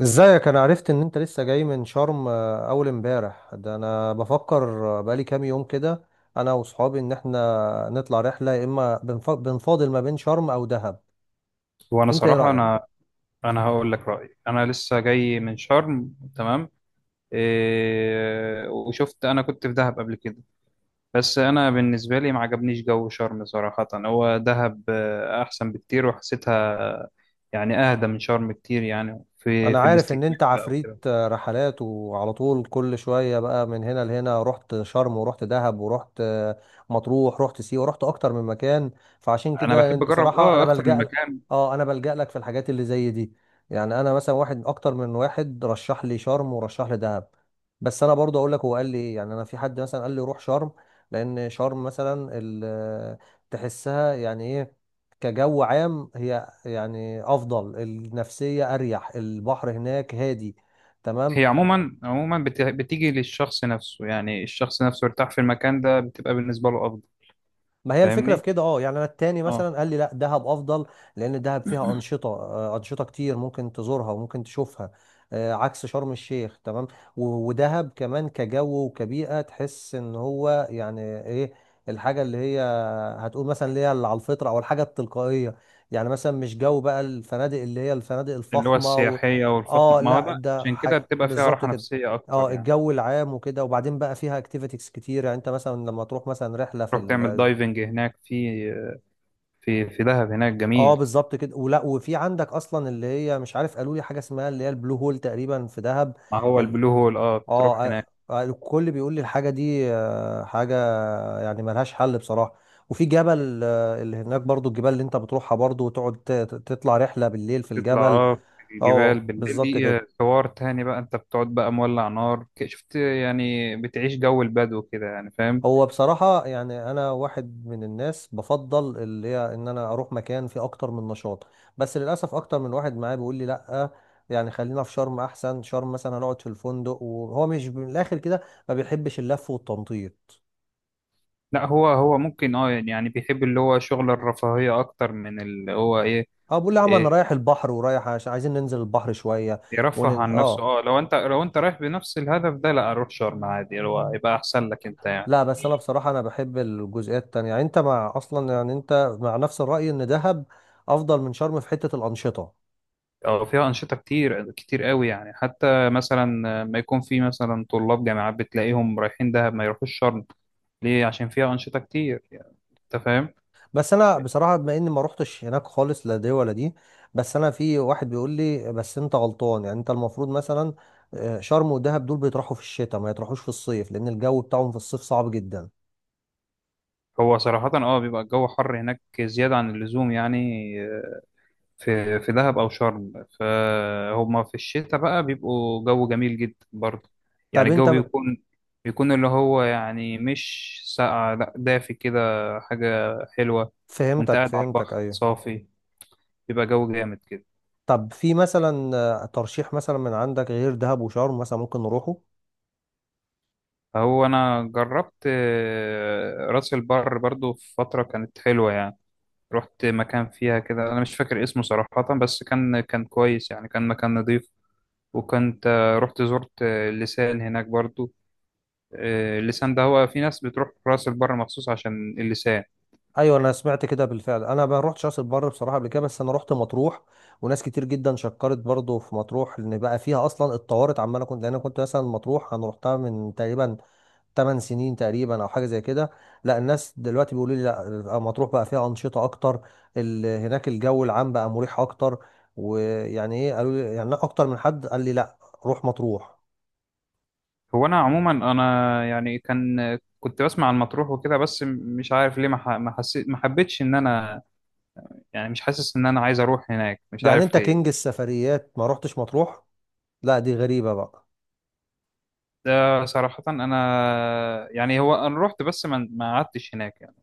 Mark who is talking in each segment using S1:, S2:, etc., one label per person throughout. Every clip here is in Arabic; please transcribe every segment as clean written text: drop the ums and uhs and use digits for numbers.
S1: ازيك؟ انا عرفت ان انت لسه جاي من شرم، اول امبارح ده. انا بفكر، بقالي كام يوم كده انا واصحابي ان احنا نطلع رحله، يا اما بنفاضل ما بين شرم او دهب.
S2: وانا
S1: انت ايه
S2: صراحه
S1: رايك؟
S2: انا هقول لك رايي. انا لسه جاي من شرم، تمام. إيه، وشفت انا كنت في دهب قبل كده. بس انا بالنسبه لي ما عجبنيش جو شرم صراحه، هو دهب احسن بكتير، وحسيتها يعني اهدى من شرم كتير، يعني في
S1: انا
S2: في
S1: عارف ان
S2: الاستجمام
S1: انت
S2: بقى
S1: عفريت
S2: وكده.
S1: رحلات وعلى طول كل شوية، بقى من هنا لهنا. رحت شرم ورحت دهب ورحت مطروح، رحت سيوة، رحت اكتر من مكان. فعشان
S2: انا
S1: كده
S2: بحب اجرب
S1: بصراحة انا
S2: اكتر من
S1: بلجأ لك.
S2: مكان.
S1: اه، انا بلجأ لك في الحاجات اللي زي دي. يعني انا مثلا واحد اكتر من واحد رشح لي شرم ورشح لي دهب. بس انا برضه اقول لك هو قال لي ايه. يعني انا في حد مثلا قال لي روح شرم، لان شرم مثلا تحسها يعني ايه كجو عام هي؟ يعني افضل النفسيه، اريح، البحر هناك هادي، تمام.
S2: هي عموما عموما بتيجي للشخص نفسه، يعني الشخص نفسه يرتاح في المكان ده، بتبقى بالنسبه له افضل.
S1: ما هي الفكرة في
S2: فاهمني.
S1: كده. اه، يعني انا التاني
S2: آه.
S1: مثلا قال لي لا دهب افضل، لان دهب فيها انشطة، انشطة كتير ممكن تزورها وممكن تشوفها، عكس شرم الشيخ، تمام. ودهب كمان كجو وكبيئة تحس ان هو يعني ايه الحاجة اللي هي هتقول مثلا، اللي هي اللي على الفطرة او الحاجة التلقائية. يعني مثلا مش جو بقى الفنادق اللي هي الفنادق
S2: اللي هو
S1: الفخمة و...
S2: السياحية والفخمة،
S1: اه،
S2: ما هو
S1: لا
S2: ده
S1: ده
S2: عشان كده
S1: حاجة
S2: بتبقى فيها
S1: بالظبط
S2: راحة
S1: كده.
S2: نفسية أكتر
S1: اه
S2: يعني.
S1: الجو العام وكده، وبعدين بقى فيها اكتيفيتيز كتير. يعني انت مثلا لما تروح مثلا رحله في،
S2: تروح تعمل دايفنج هناك في دهب، هناك
S1: اه
S2: جميل.
S1: بالظبط كده. ولا وفي عندك اصلا اللي هي، مش عارف، قالوا لي حاجه اسمها اللي هي البلو هول تقريبا في دهب.
S2: ما هو
S1: ال-
S2: البلو هول،
S1: اه،
S2: بتروح هناك.
S1: الكل بيقول لي الحاجه دي، حاجه يعني ملهاش حل بصراحه. وفي جبل، اللي هناك برضو الجبال اللي انت بتروحها برضو، وتقعد تطلع رحله بالليل في
S2: تطلع،
S1: الجبل.
S2: اه. الجبال
S1: اه
S2: بالليل
S1: بالظبط
S2: دي
S1: كده.
S2: حوار تاني بقى، انت بتقعد بقى مولع نار، شفت يعني، بتعيش جو البدو كده يعني، فاهم.
S1: هو بصراحة يعني أنا واحد من الناس بفضل اللي هي إن أنا أروح مكان فيه أكتر من نشاط. بس للأسف أكتر من واحد معايا بيقول لي لأ، يعني خلينا في شرم أحسن. شرم مثلا هنقعد في الفندق، وهو مش من الآخر كده، ما بيحبش اللف والتنطيط.
S2: لا، هو ممكن، يعني بيحب اللي هو شغل الرفاهية أكتر من اللي هو
S1: أه بقول له يا عم أنا
S2: إيه
S1: رايح البحر، ورايح عايزين ننزل البحر شوية.
S2: يرفه عن نفسه.
S1: أه،
S2: اه لو انت رايح بنفس الهدف ده، لا روح شرم عادي، اللي هو يبقى أحسن لك انت يعني.
S1: لا بس أنا بصراحة أنا بحب الجزئيات التانية. يعني أنت مع أصلا، يعني أنت مع نفس الرأي إن دهب أفضل من شرم في حتة الأنشطة.
S2: اه، فيها أنشطة كتير كتير قوي يعني، حتى مثلا ما يكون في مثلا طلاب جامعات بتلاقيهم رايحين دهب ما يروحوش شرم. ليه؟ عشان فيها أنشطة كتير يعني، انت فاهم.
S1: بس انا بصراحه بما اني ما روحتش هناك خالص، لا دي ولا دي. بس انا في واحد بيقول لي بس انت غلطان، يعني انت المفروض مثلا، شرم ودهب دول بيطرحوا في الشتاء، ما يطرحوش في الصيف، لان الجو بتاعهم في الصيف صعب جدا.
S2: هو صراحة بيبقى الجو حر هناك زيادة عن اللزوم يعني، في دهب أو شرم، فهما في الشتاء بقى بيبقوا جو جميل جدا برضه. يعني
S1: طب انت
S2: الجو بيكون اللي هو يعني مش ساقع، لا دافي كده، حاجة حلوة. وانت
S1: فهمتك،
S2: قاعد على
S1: فهمتك،
S2: البحر
S1: ايوه.
S2: صافي، بيبقى جو جامد كده.
S1: طب في مثلا، ترشيح مثلا من عندك غير دهب وشرم مثلا ممكن نروحه؟
S2: هو انا جربت راس البر برضو في فتره، كانت حلوه يعني. رحت مكان فيها كده، انا مش فاكر اسمه صراحه، بس كان كويس يعني، كان مكان نظيف. وكنت زرت اللسان هناك برضو. اللسان ده هو، في ناس بتروح راس البر مخصوص عشان اللسان.
S1: ايوه انا سمعت كده بالفعل. انا ما روحتش راس البر بصراحه قبل كده، بس انا رحت مطروح. وناس كتير جدا شكرت برضو في مطروح، لان بقى فيها اصلا اتطورت عماله كنت، لان انا كنت مثلا مطروح، انا رحتها من تقريبا 8 سنين تقريبا او حاجه زي كده. لا الناس دلوقتي بيقولوا لي لا مطروح بقى فيها انشطه اكتر، هناك الجو العام بقى مريح اكتر. ويعني ايه، قالوا لي يعني اكتر من حد قال لي لا، روح مطروح.
S2: هو انا عموما، انا يعني كنت بسمع عن مطروح وكده، بس مش عارف ليه، ما ح- ما حسيت ما حبيتش ان انا، يعني مش حاسس ان انا عايز اروح هناك، مش
S1: يعني انت
S2: عارف ليه.
S1: كينج السفريات ما رحتش مطروح؟ لا دي غريبه بقى.
S2: ده صراحة أنا، يعني هو أنا رحت بس ما قعدتش هناك يعني.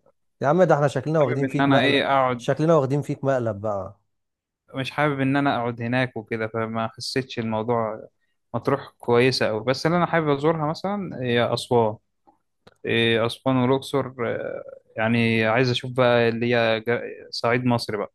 S1: يا عم ده احنا شكلنا
S2: حابب
S1: واخدين
S2: إن
S1: فيك
S2: أنا
S1: مقلب،
S2: أقعد،
S1: شكلنا واخدين فيك مقلب بقى.
S2: مش حابب إن أنا أقعد هناك وكده، فما حسيتش الموضوع. مطروح كويسة أوي، بس اللي أنا حابب أزورها مثلا هي أسوان. أسوان والأقصر، يعني عايز أشوف بقى اللي هي، صعيد مصر بقى.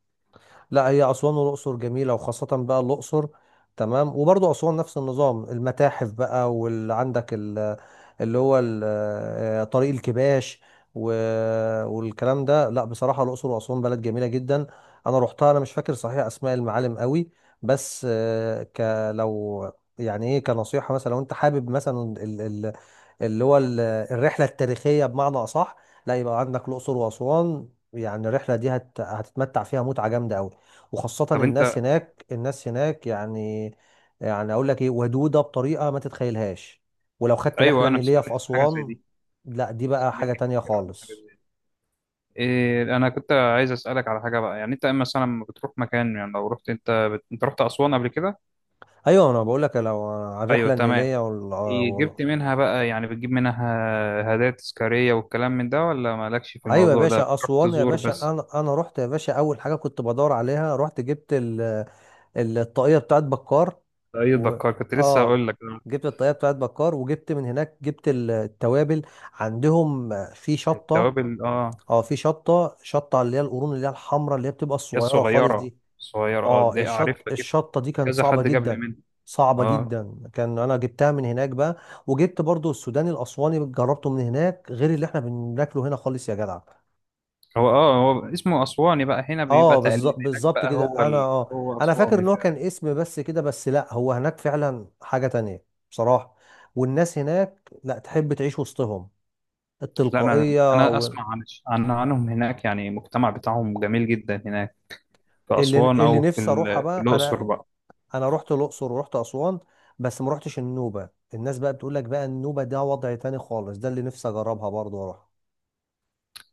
S1: لا هي أسوان والأقصر جميلة، وخاصة بقى الأقصر، تمام. وبرضه أسوان نفس النظام، المتاحف بقى، واللي عندك اللي هو طريق الكباش والكلام ده. لا بصراحة الأقصر وأسوان بلد جميلة جدا. أنا روحتها أنا مش فاكر صحيح أسماء المعالم قوي، بس آه، ك لو، يعني ايه، كنصيحة مثلا لو انت حابب مثلا اللي هو الرحلة التاريخية بمعنى أصح، لا يبقى عندك الأقصر وأسوان. يعني الرحلة دي هتتمتع فيها متعة جامدة أوي. وخاصة
S2: طب
S1: الناس
S2: أنت.
S1: هناك، الناس هناك يعني، يعني أقول لك إيه، ودودة بطريقة ما تتخيلهاش. ولو خدت رحلة
S2: أيوه، أنا
S1: نيلية في
S2: سمعت حاجة زي
S1: أسوان،
S2: دي،
S1: لا دي بقى
S2: سمعت
S1: حاجة تانية
S2: كتير عن حاجة
S1: خالص.
S2: زي دي. أنا كنت عايز أسألك على حاجة بقى، يعني أنت مثلا لما بتروح مكان يعني، لو رحت أنت أنت رحت أسوان قبل كده؟
S1: أيوة أنا بقول لك لو على
S2: أيوه،
S1: الرحلة
S2: تمام.
S1: النيلية وال... وال...
S2: جبت منها بقى يعني، بتجيب منها هدايا تذكارية والكلام من ده، ولا مالكش في
S1: أيوة يا
S2: الموضوع ده
S1: باشا،
S2: بتروح
S1: أسوان يا
S2: تزور
S1: باشا،
S2: بس؟
S1: أنا أنا رحت يا باشا، أول حاجة كنت بدور عليها رحت جبت ال... الطاقية بتاعت بكار.
S2: اي
S1: و...
S2: دكار، كنت لسه
S1: اه،
S2: هقول لك.
S1: جبت الطريقه بتاعت بكار، وجبت من هناك، جبت التوابل عندهم في شطه.
S2: التوابل، اه.
S1: اه في شطه، اللي هي القرون، اللي هي الحمراء، اللي هي بتبقى
S2: هي
S1: الصغيره خالص
S2: الصغيرة،
S1: دي.
S2: صغيرة اه،
S1: اه
S2: دي اعرفها جدا.
S1: الشطه دي كانت
S2: كذا
S1: صعبه
S2: حد جاب لي
S1: جدا،
S2: منها.
S1: صعبه
S2: اه.
S1: جدا كان. انا جبتها من هناك بقى. وجبت برضو السوداني الاسواني، جربته من هناك، غير اللي احنا بناكله هنا خالص يا جدع.
S2: هو اسمه اسواني بقى، هنا بيبقى
S1: اه
S2: تقليد،
S1: بالظبط
S2: هناك
S1: بالظبط
S2: بقى
S1: كده.
S2: هو
S1: انا اه،
S2: هو
S1: انا فاكر
S2: اسواني
S1: ان هو كان
S2: فعلا.
S1: اسم بس كده، بس لا هو هناك فعلا حاجة تانية، بصراحة. والناس هناك لا تحب تعيش وسطهم،
S2: لا، انا
S1: التلقائية
S2: انا
S1: و...
S2: اسمع عن عنهم هناك، يعني المجتمع بتاعهم جميل جدا هناك، في
S1: اللي
S2: اسوان
S1: اللي
S2: او
S1: نفسي اروحها
S2: في
S1: بقى انا،
S2: الاقصر بقى.
S1: انا رحت الاقصر ورحت اسوان. بس ما رحتش النوبة. الناس بقى بتقول لك بقى النوبة ده وضع تاني خالص، ده اللي نفسي اجربها برضه واروح.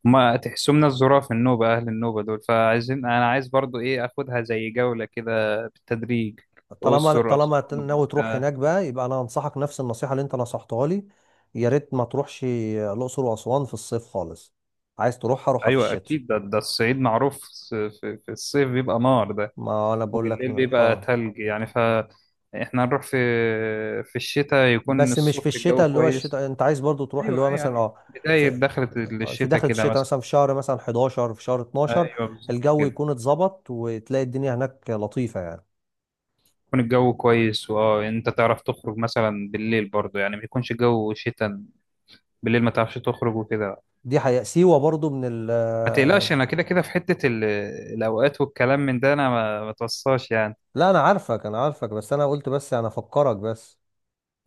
S2: ما تحسوا من الظراف، النوبة أهل النوبة دول، فعايزين، أنا عايز برضو أخدها زي جولة كده بالتدريج،
S1: طالما
S2: أقصر
S1: طالما
S2: أسوان وبعد
S1: ناوي تروح
S2: كده.
S1: هناك بقى، يبقى انا انصحك نفس النصيحه اللي انت نصحتها لي. يا ريت ما تروحش الاقصر واسوان في الصيف خالص. عايز تروحها، روحها في
S2: أيوة
S1: الشتاء.
S2: أكيد، ده الصعيد معروف، في الصيف بيبقى نار ده،
S1: ما انا بقول لك
S2: وبالليل بيبقى
S1: اه،
S2: تلج يعني، فإحنا هنروح في الشتاء، يكون
S1: بس مش في
S2: الصبح الجو
S1: الشتاء اللي هو
S2: كويس.
S1: الشتاء، انت عايز برضو تروح
S2: أيوة،
S1: اللي
S2: أيوة،
S1: هو مثلا
S2: يعني
S1: اه،
S2: بداية
S1: في
S2: دخلة
S1: في
S2: الشتاء
S1: داخل
S2: كده
S1: الشتاء
S2: مثلا.
S1: مثلا في شهر مثلا 11 في شهر 12.
S2: أيوة بالظبط
S1: الجو
S2: كده.
S1: يكون اتظبط، وتلاقي الدنيا هناك لطيفه يعني.
S2: يكون الجو كويس، أنت تعرف تخرج مثلا بالليل برضو يعني، ما يكونش جو شتاء بالليل ما تعرفش تخرج وكده.
S1: دي حقيقة. سيوة برضو من ال،
S2: ما تقلقش، انا كده كده في حتة الاوقات والكلام من ده، انا ما توصاش يعني.
S1: لا انا عارفك انا عارفك، بس انا قلت بس انا افكرك بس.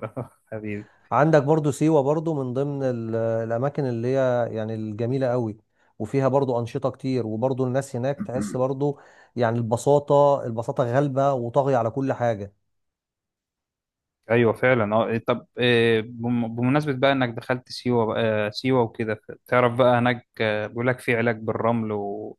S2: حبيبي.
S1: عندك برضو سيوة، برضو من ضمن الأماكن اللي هي يعني الجميلة قوي، وفيها برضو أنشطة كتير، وبرضو الناس هناك تحس برضو، يعني البساطة، البساطة غالبة وطاغية على كل حاجة.
S2: ايوه فعلا، طب، بمناسبة بقى انك دخلت سيوة بقى، سيوة وكده، تعرف بقى هناك، بيقول لك في علاج بالرمل و...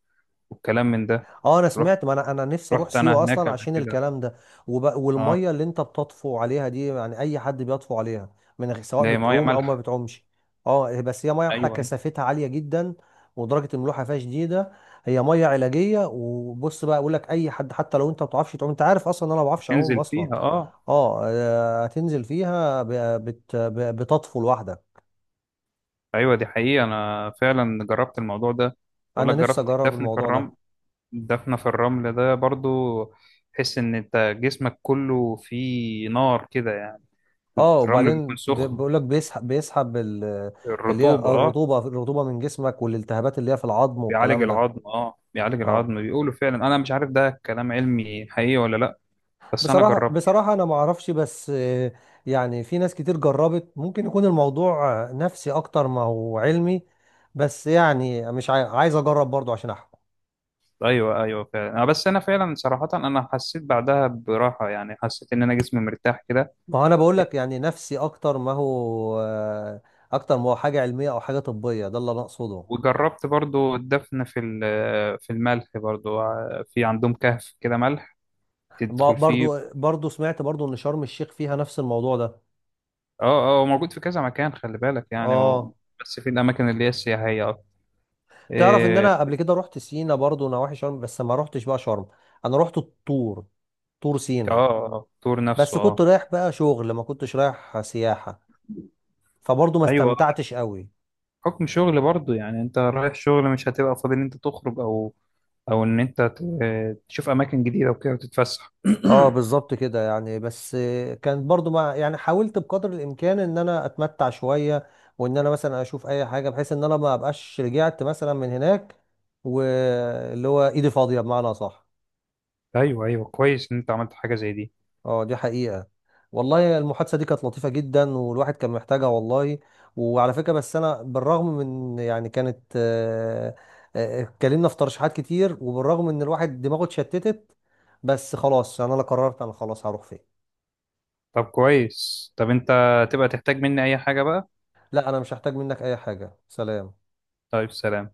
S2: والكلام من ده.
S1: اه انا
S2: رحت
S1: سمعت. ما انا انا نفسي اروح
S2: رحت انا
S1: سيوه
S2: هناك
S1: اصلا
S2: قبل
S1: عشان
S2: كده.
S1: الكلام ده.
S2: اه.
S1: والميه اللي انت بتطفو عليها دي، يعني اي حد بيطفو عليها من غير، سواء
S2: ده ميه
S1: بتعوم او ما
S2: مالحه.
S1: بتعومش؟ اه بس هي ميه بحر
S2: ايوه، أيوة.
S1: كثافتها عاليه جدا، ودرجه الملوحه فيها شديده. هي ميه علاجيه. وبص بقى اقول لك، اي حد حتى لو انت ما بتعرفش تعوم، انت عارف اصلا إن انا ما بعرفش اعوم
S2: تنزل
S1: اصلا.
S2: فيها، اه.
S1: اه، هتنزل فيها بتطفو لوحدك.
S2: ايوه دي حقيقة، انا فعلا جربت الموضوع ده، بقول
S1: انا
S2: لك
S1: نفسي
S2: جربت
S1: اجرب
S2: الدفن في
S1: الموضوع ده.
S2: الرمل. دفنة في الرمل ده برضو، تحس إن أنت جسمك كله فيه نار كده يعني.
S1: اه
S2: الرمل بيكون
S1: وبعدين ده
S2: سخن.
S1: بيقول لك بيسحب، بيسحب اللي هي
S2: الرطوبة، أه.
S1: الرطوبه، الرطوبه من جسمك والالتهابات اللي هي في العظم
S2: بيعالج
S1: والكلام ده.
S2: العظم، أه، بيعالج
S1: اه
S2: العظم، بيقولوا فعلا، أنا مش عارف ده كلام علمي حقيقي ولا لأ، بس أنا
S1: بصراحه
S2: جربت.
S1: بصراحه انا ما اعرفش، بس آه، يعني في ناس كتير جربت، ممكن يكون الموضوع نفسي اكتر ما هو علمي. بس يعني مش عايز اجرب برضو عشان احكم.
S2: أيوه، أيوه، فعلا بس أنا فعلا صراحة، أنا حسيت بعدها براحة، يعني حسيت إن أنا جسمي مرتاح كده.
S1: ما هو انا بقول لك يعني نفسي اكتر ما هو، اكتر ما هو حاجه علميه او حاجه طبيه، ده اللي انا اقصده.
S2: وجربت برضو الدفن في الملح برضو، في عندهم كهف كده ملح، تدخل
S1: برضو
S2: فيه.
S1: برضو سمعت برضو ان شرم الشيخ فيها نفس الموضوع ده.
S2: اه هو موجود في كذا مكان، خلي بالك يعني،
S1: اه
S2: بس في الاماكن اللي هي السياحيه اكتر.
S1: تعرف ان
S2: إيه،
S1: انا قبل كده رحت سينا برضو نواحي شرم، بس ما رحتش بقى شرم. انا رحت الطور، طور
S2: اه،
S1: سينا.
S2: الطور
S1: بس
S2: نفسه،
S1: كنت
S2: اه.
S1: رايح بقى شغل ما كنتش رايح سياحة، فبرضو ما
S2: ايوه،
S1: استمتعتش قوي.
S2: حكم شغل برضه يعني، انت رايح شغل، مش هتبقى فاضي ان انت تخرج او او ان انت تشوف اماكن جديده وكده وتتفسح.
S1: اه بالظبط كده. يعني بس آه، كان برضو مع، يعني حاولت بقدر الامكان ان انا اتمتع شوية، وان انا مثلا اشوف اي حاجة، بحيث ان انا ما ابقاش رجعت مثلا من هناك واللي هو ايدي فاضية بمعنى صح.
S2: ايوه، ايوه، كويس ان انت عملت حاجه زي دي.
S1: اه دي حقيقة. والله المحادثة دي كانت لطيفة جدا، والواحد كان محتاجها والله. وعلى فكرة، بس أنا بالرغم من، يعني كانت اتكلمنا في ترشيحات كتير، وبالرغم إن الواحد دماغه اتشتتت، بس خلاص أنا، لا قررت أنا خلاص هروح فين.
S2: طب كويس، طب انت تبقى تحتاج مني اي حاجه بقى.
S1: لا أنا مش هحتاج منك أي حاجة، سلام.
S2: طيب، سلام.